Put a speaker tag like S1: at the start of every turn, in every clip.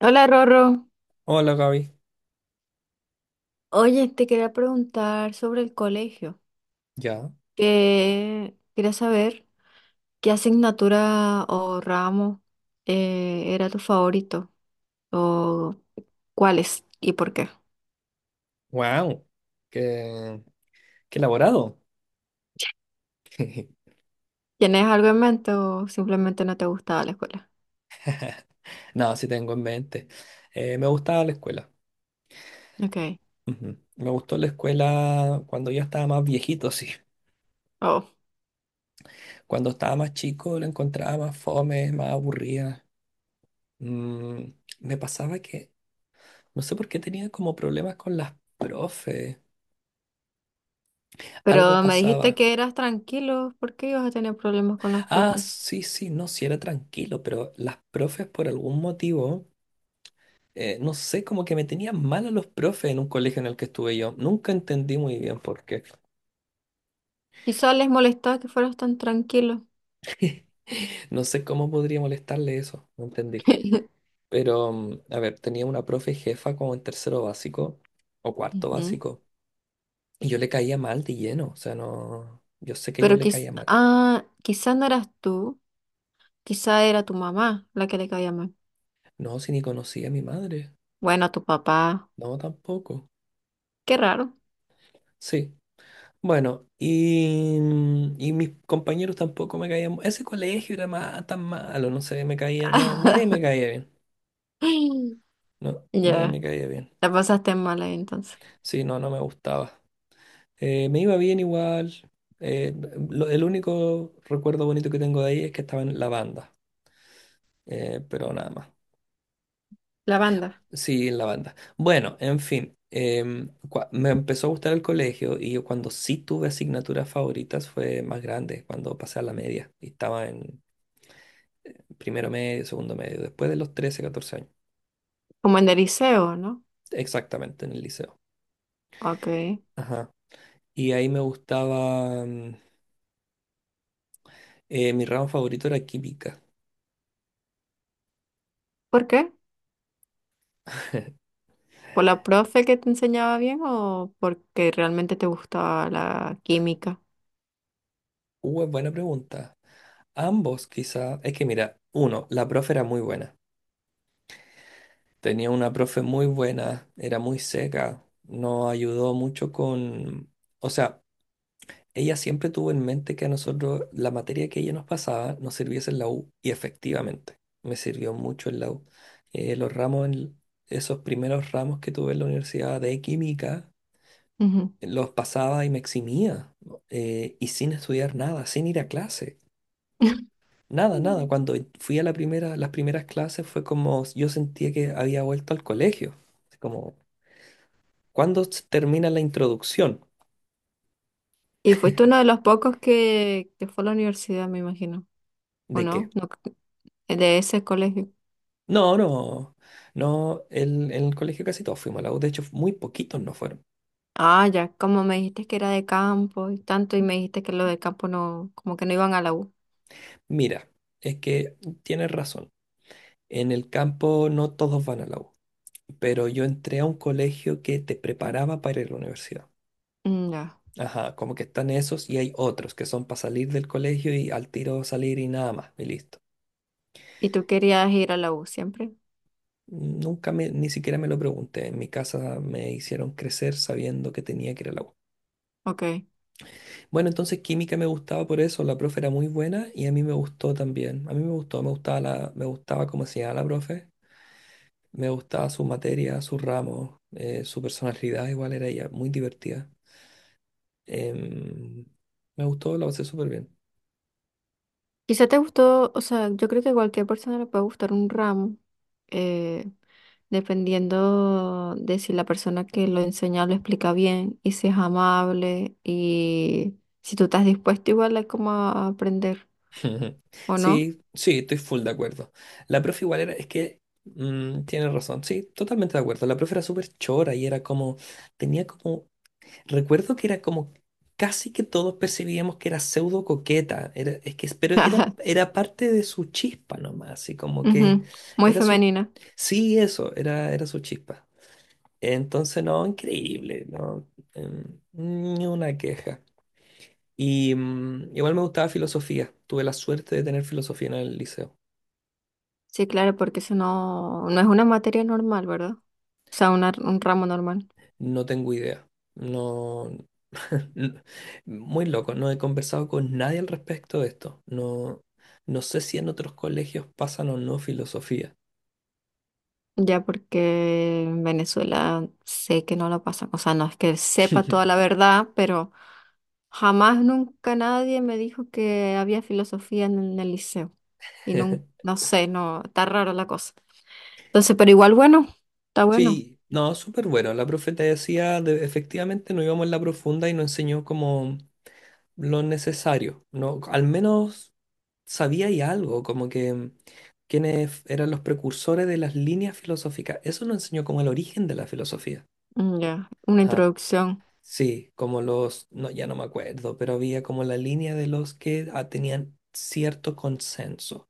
S1: Hola Rorro,
S2: Hola Gaby,
S1: oye, te quería preguntar sobre el colegio,
S2: ya,
S1: que quería saber qué asignatura o ramo era tu favorito o cuáles y por qué.
S2: wow, qué, qué elaborado.
S1: ¿Tienes algo en mente o simplemente no te gustaba la escuela?
S2: No, sí tengo en mente. Me gustaba la escuela.
S1: Ok,
S2: Ujú. Me gustó la escuela cuando ya estaba más viejito, sí.
S1: oh,
S2: Cuando estaba más chico la encontraba más fome, más aburrida. Mm, me pasaba que, no sé por qué tenía como problemas con las profes. Algo
S1: pero me dijiste
S2: pasaba.
S1: que eras tranquilo, ¿por qué ibas a tener problemas con los
S2: Ah,
S1: profes?
S2: sí, sí, no, sí era tranquilo, pero las profes por algún motivo no sé, como que me tenían mal a los profes en un colegio en el que estuve yo. Nunca entendí muy bien por qué.
S1: Quizás les molestaba que fueras tan tranquilo.
S2: No sé cómo podría molestarle eso, no entendí. Pero, a ver, tenía una profe jefa como en tercero básico o cuarto
S1: Ujú.
S2: básico. Y yo le caía mal de lleno, o sea, no, yo sé que yo
S1: Pero
S2: le caía mal.
S1: quizás no eras tú. Quizá era tu mamá la que le caía mal.
S2: No, si ni conocía a mi madre.
S1: Bueno, tu papá.
S2: No, tampoco.
S1: Qué raro.
S2: Sí. Bueno, y mis compañeros tampoco me caían. Ese colegio era tan malo, no sé, me caía, no, nadie me caía bien. No, no me
S1: Ya,
S2: caía bien.
S1: la pasaste mal ahí entonces.
S2: Sí, no, no me gustaba. Me iba bien igual. Eh, el único recuerdo bonito que tengo de ahí es que estaba en la banda, pero nada más.
S1: La banda.
S2: Sí, en la banda. Bueno, en fin, me empezó a gustar el colegio y yo cuando sí tuve asignaturas favoritas fue más grande, cuando pasé a la media y estaba en primero medio, segundo medio, después de los 13 14 años,
S1: Como en el liceo, ¿no?
S2: exactamente en el liceo.
S1: Ok.
S2: Ajá. Y ahí me gustaba, mi ramo favorito era química.
S1: ¿Por qué? ¿Por la profe que te enseñaba bien o porque realmente te gustaba la química?
S2: Es buena pregunta. Ambos quizá. Es que mira, uno, la profe era muy buena. Tenía una profe muy buena, era muy seca, nos ayudó mucho. Con... O sea, ella siempre tuvo en mente que a nosotros la materia que ella nos pasaba nos sirviese en la U y efectivamente me sirvió mucho en la U. Eh, los ramos, en- esos primeros ramos que tuve en la universidad de química,
S1: Ujú.
S2: los pasaba y me eximía y sin estudiar nada, sin ir a clase. Nada, nada. Cuando fui a las primeras clases fue como yo sentía que había vuelto al colegio. Así como, ¿cuándo termina la introducción?
S1: Y fuiste uno de los pocos que fue a la universidad, me imagino. ¿O
S2: ¿De qué?
S1: no? No, de ese colegio.
S2: No, no, no. En el colegio casi todos fuimos a la U. De hecho, muy poquitos no fueron.
S1: Ah, ya, como me dijiste que era de campo y tanto, y me dijiste que los de campo no, como que no iban a la U.
S2: Mira, es que tienes razón. En el campo no todos van a la U. Pero yo entré a un colegio que te preparaba para ir a la universidad.
S1: Mm, ya.
S2: Ajá, como que están esos y hay otros que son para salir del colegio y al tiro salir y nada más, y listo.
S1: ¿Y tú querías ir a la U siempre?
S2: Nunca me, ni siquiera me lo pregunté. En mi casa me hicieron crecer sabiendo que tenía que ir al agua.
S1: Ok.
S2: Bueno, entonces química me gustaba por eso. La profe era muy buena y a mí me gustó también. A mí me gustó, me gustaba cómo enseñaba la profe. Me gustaba su materia, su ramo, su personalidad. Igual era ella muy divertida. Em, me gustó, la pasé súper bien.
S1: Quizá te gustó, o sea, yo creo que a cualquier persona le puede gustar un ramo, eh, dependiendo de si la persona que lo enseña lo explica bien y si es amable y si tú estás dispuesto igual a como a aprender,
S2: Ujú.
S1: ¿o no?
S2: Sí, sí, estoy full de acuerdo. La profe igual era, es que tiene razón, sí, totalmente de acuerdo. La profe era súper chora y era como, tenía como, recuerdo que era como, casi que todos percibíamos que era pseudo coqueta, era, es que, pero era parte de su chispa nomás, así como que
S1: Ujú, muy
S2: era su,
S1: femenina.
S2: sí, eso, era su chispa. Entonces, no, increíble, no. Ni una queja. Y igual me gustaba filosofía. Tuve la suerte de tener filosofía en el liceo.
S1: Sí, claro, porque eso no, no es una materia normal, ¿verdad? O sea, un ramo normal.
S2: No tengo idea. No. n- Muy loco. No he conversado con nadie al respecto de esto. No, no sé si en otros colegios pasan o no filosofía.
S1: Ya porque en Venezuela sé que no lo pasan. O sea, no es que sepa toda la verdad, pero jamás, nunca nadie me dijo que había filosofía en el liceo. Y no, no sé, no, está raro la cosa. Entonces, pero igual bueno, está bueno.
S2: Sí, no, súper bueno. La profe te decía, efectivamente no íbamos en la profunda y nos enseñó como lo necesario, ¿no? Al menos sabía y algo, como que quiénes eran los precursores de las líneas filosóficas. Eso nos enseñó como el origen de la filosofía.
S1: Mm, ya, una
S2: Ajá.
S1: introducción.
S2: Sí, como los, no, ya no me acuerdo, pero había como la línea de los que tenían cierto consenso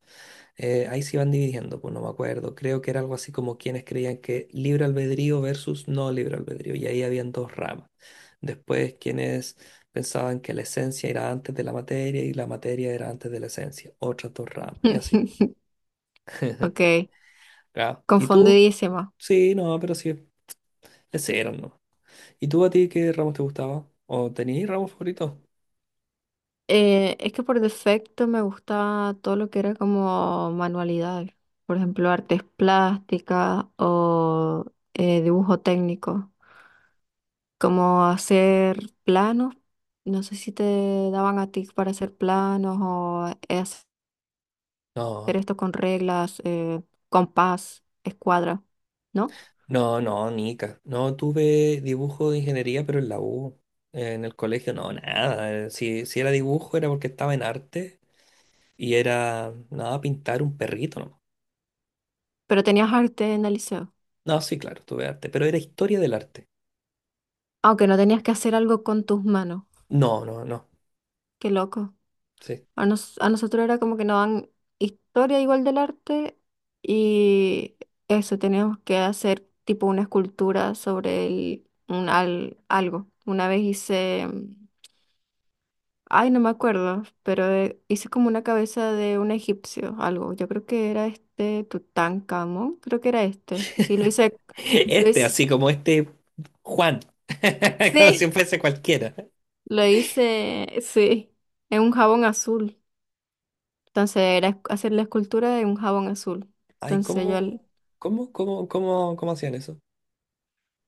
S2: ahí se iban dividiendo, pues no me acuerdo. Creo que era algo así como quienes creían que libre albedrío versus no libre albedrío, y ahí habían dos ramas. Después quienes pensaban que la esencia era antes de la materia y la materia era antes de la esencia, otras dos ramas, y así.
S1: Ok,
S2: Claro. ¿Y tú?
S1: confundidísima.
S2: Sí, no, pero sí, ese era, ¿no? ¿Y tú a ti qué ramos te gustaba? ¿O tenías ramos favoritos?
S1: Es que por defecto me gustaba todo lo que era como manualidades, por ejemplo, artes plásticas o dibujo técnico, como hacer planos, no sé si te daban a ti para hacer planos o hacer
S2: No.
S1: esto con reglas, compás, escuadra, ¿no?
S2: No, no, Nica. No tuve dibujo de ingeniería, pero en la U. En el colegio, no, nada. Si era dibujo era porque estaba en arte y era, nada, pintar un perrito nomás.
S1: Pero tenías arte en el liceo,
S2: No, sí, claro, tuve arte, pero era historia del arte.
S1: aunque no tenías que hacer algo con tus manos,
S2: No, no, no.
S1: qué loco.
S2: Sí.
S1: A nosotros era como que nos dan historia igual del arte y eso, teníamos que hacer tipo una escultura sobre un algo. Una vez hice, mm, ay, no me acuerdo, pero hice como una cabeza de un egipcio, algo. Yo creo que era este Tutankamón, creo que era este. Sí, lo
S2: Este,
S1: hice,
S2: así como este Juan. Como si
S1: sí,
S2: fuese cualquiera.
S1: lo hice, sí, en un jabón azul. Entonces era hacer la escultura de un jabón azul.
S2: Ay,
S1: Entonces yo
S2: ¿cómo hacían eso?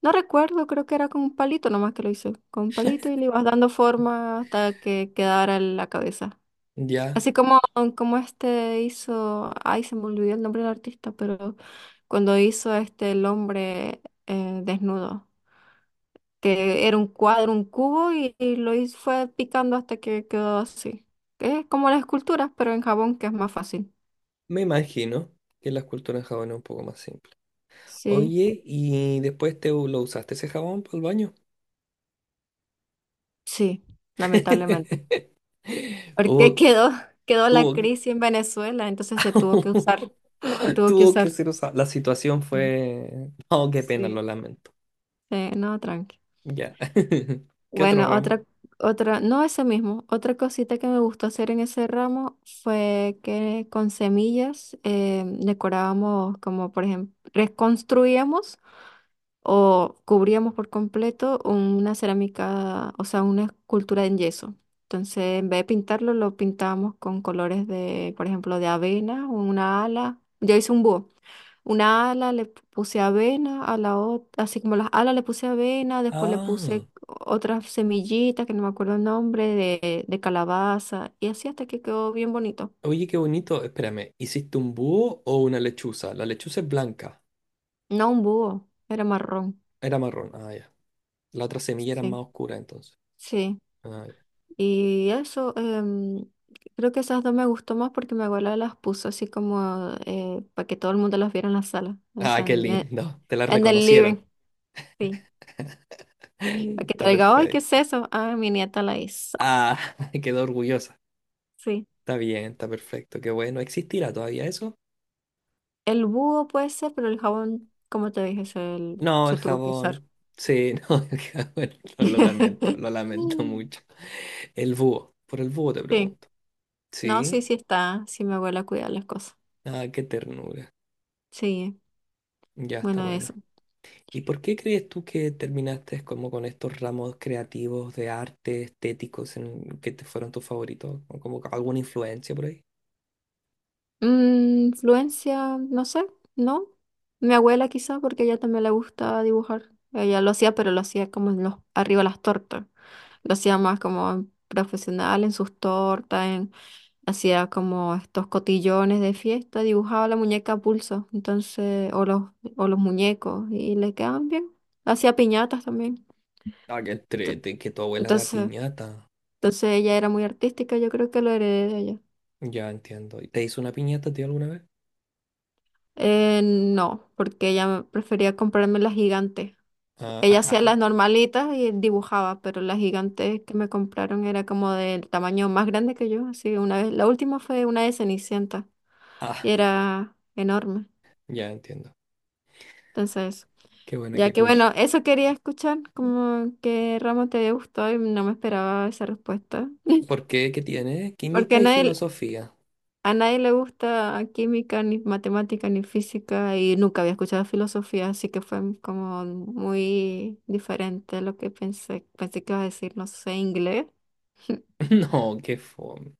S1: No recuerdo, creo que era con un palito nomás que lo hice, con un palito y le ibas dando forma hasta que quedara la cabeza.
S2: Ya,
S1: Así como, como este hizo, ay, se me olvidó el nombre del artista, pero cuando hizo este el hombre desnudo, que era un cuadro, un cubo y lo hizo, fue picando hasta que quedó así. Es como las esculturas, pero en jabón, que es más fácil.
S2: me imagino que la escultura en Japón es un poco más simple.
S1: Sí,
S2: Oye, ¿y después te lo usaste ese jabón para el baño?
S1: sí, lamentablemente. Porque
S2: O
S1: quedó, quedó la
S2: tuvo que...
S1: crisis en Venezuela, entonces se tuvo que
S2: tuvo que
S1: usar.
S2: ser usado.
S1: Sí.
S2: Oh, qué pena, lo
S1: Sí,
S2: lamento.
S1: sí, no, tranqui.
S2: Ya. ¿Qué otro
S1: Bueno,
S2: ramo?
S1: no ese mismo, otra cosita que me gustó hacer en ese ramo fue que con semillas decorábamos, como por ejemplo, reconstruíamos o cubríamos por completo una cerámica, o sea, una escultura en yeso. Entonces, en vez de pintarlo, lo pintábamos con colores de, por ejemplo, de avena, una ala. Yo hice un búho. Una ala le puse avena, a la otra, así como las alas le puse avena, después le puse
S2: Ah,
S1: otras semillitas que no me acuerdo el nombre, de calabaza, y así hasta que quedó bien bonito.
S2: oye, qué bonito. Espérame, ¿hiciste un búho o una lechuza? La lechuza es blanca,
S1: No, un búho, era marrón.
S2: era marrón. Ah, ya. La otra semilla era
S1: Sí,
S2: más oscura entonces.
S1: sí.
S2: Ah, ya.
S1: Y eso, em, creo que esas dos me gustó más porque mi abuela las puso así como para que todo el mundo las viera en la sala, o
S2: Ah,
S1: sea,
S2: qué lindo. Te la
S1: en el living,
S2: reconocieron.
S1: sí. Para que
S2: Está
S1: te diga, ay, ¿qué es
S2: perfecto.
S1: eso? Ah, mi nieta la hizo,
S2: Ah, quedó orgullosa.
S1: sí.
S2: Está bien, está perfecto, qué bueno. ¿Existirá todavía eso?
S1: El búho puede ser, pero el jabón, como te dije,
S2: No,
S1: se
S2: el
S1: tuvo que usar.
S2: jabón. Sí, no, el jabón. No, lo lamento mucho. El búho, por el búho te
S1: Sí,
S2: pregunto.
S1: no, sí,
S2: Sí,
S1: sí está, sí mi abuela cuida las cosas.
S2: ah, qué ternura.
S1: Sí,
S2: Ya está
S1: bueno,
S2: bueno.
S1: eso.
S2: ¿Y por qué crees tú que terminaste como con estos ramos creativos de arte, estéticos, en que te fueron tus favoritos? ¿O como que alguna influencia por ahí?
S1: Mm, influencia, no sé, ¿no? Mi abuela quizá, porque a ella también le gusta dibujar. Ella lo hacía, pero lo hacía como en los, arriba las tortas. Lo hacía más como profesional en sus tortas, hacía como estos cotillones de fiesta, dibujaba la muñeca a pulso, entonces, o los muñecos, y le quedaban bien. Hacía piñatas también.
S2: Ah, qué
S1: Ento-
S2: entrete, que tu abuela da
S1: Entonces,
S2: piñata.
S1: entonces ella era muy artística, yo creo que lo heredé de ella.
S2: Ya entiendo. ¿Te hizo una piñata, tío, alguna vez?
S1: No, porque ella prefería comprarme las gigantes.
S2: Ah,
S1: Ella hacía
S2: ah,
S1: las normalitas y dibujaba, pero las gigantes que me compraron era como del tamaño más grande que yo. Así una vez, la última fue una de Cenicienta y
S2: ah,
S1: era enorme.
S2: ya entiendo.
S1: Entonces,
S2: Qué bueno,
S1: ya
S2: qué
S1: que
S2: cool.
S1: bueno, eso quería escuchar, como que ramo te gustó y no me esperaba esa respuesta.
S2: ¿Por qué? ¿Qué tiene?
S1: Porque
S2: Química y filosofía.
S1: a nadie le gusta química, ni matemática, ni física y nunca había escuchado filosofía, así que fue como muy diferente lo que pensé. Pensé que iba a decir, no sé, inglés.
S2: No, qué fome.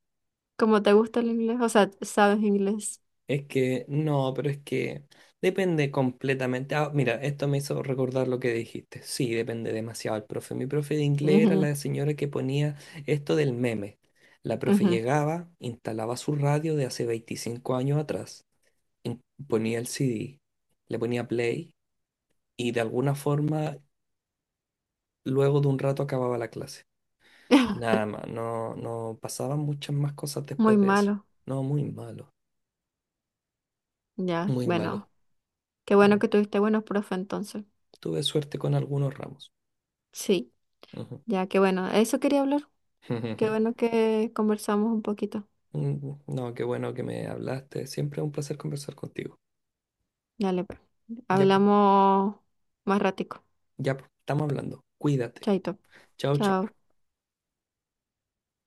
S1: ¿Cómo te gusta el inglés? O sea, ¿sabes inglés?
S2: Es que, no, pero es que depende completamente. Ah, mira, esto me hizo recordar lo que dijiste. Sí, depende demasiado el profe. Mi profe de inglés era
S1: Ujú,
S2: la señora que ponía esto del meme. La profe
S1: ujú.
S2: llegaba, instalaba su radio de hace 25 años atrás, in- ponía el CD, le ponía play y de alguna forma, luego de un rato acababa la clase. Nada más, no, no pasaban muchas más cosas
S1: Muy
S2: después de eso.
S1: malo.
S2: No, muy malo,
S1: Ya,
S2: muy
S1: bueno.
S2: malo.
S1: Qué bueno
S2: Mm.
S1: que tuviste buenos profe entonces.
S2: Tuve suerte con algunos ramos.
S1: Sí,
S2: Ujú.
S1: ya, qué bueno. Eso quería hablar. Qué bueno que conversamos un poquito.
S2: No, qué bueno que me hablaste. Siempre es un placer conversar contigo.
S1: Dale, pues.
S2: Ya pues,
S1: Hablamos más ratico.
S2: ya pues, estamos hablando. Cuídate.
S1: Chaito.
S2: Chao, chao.
S1: Chao.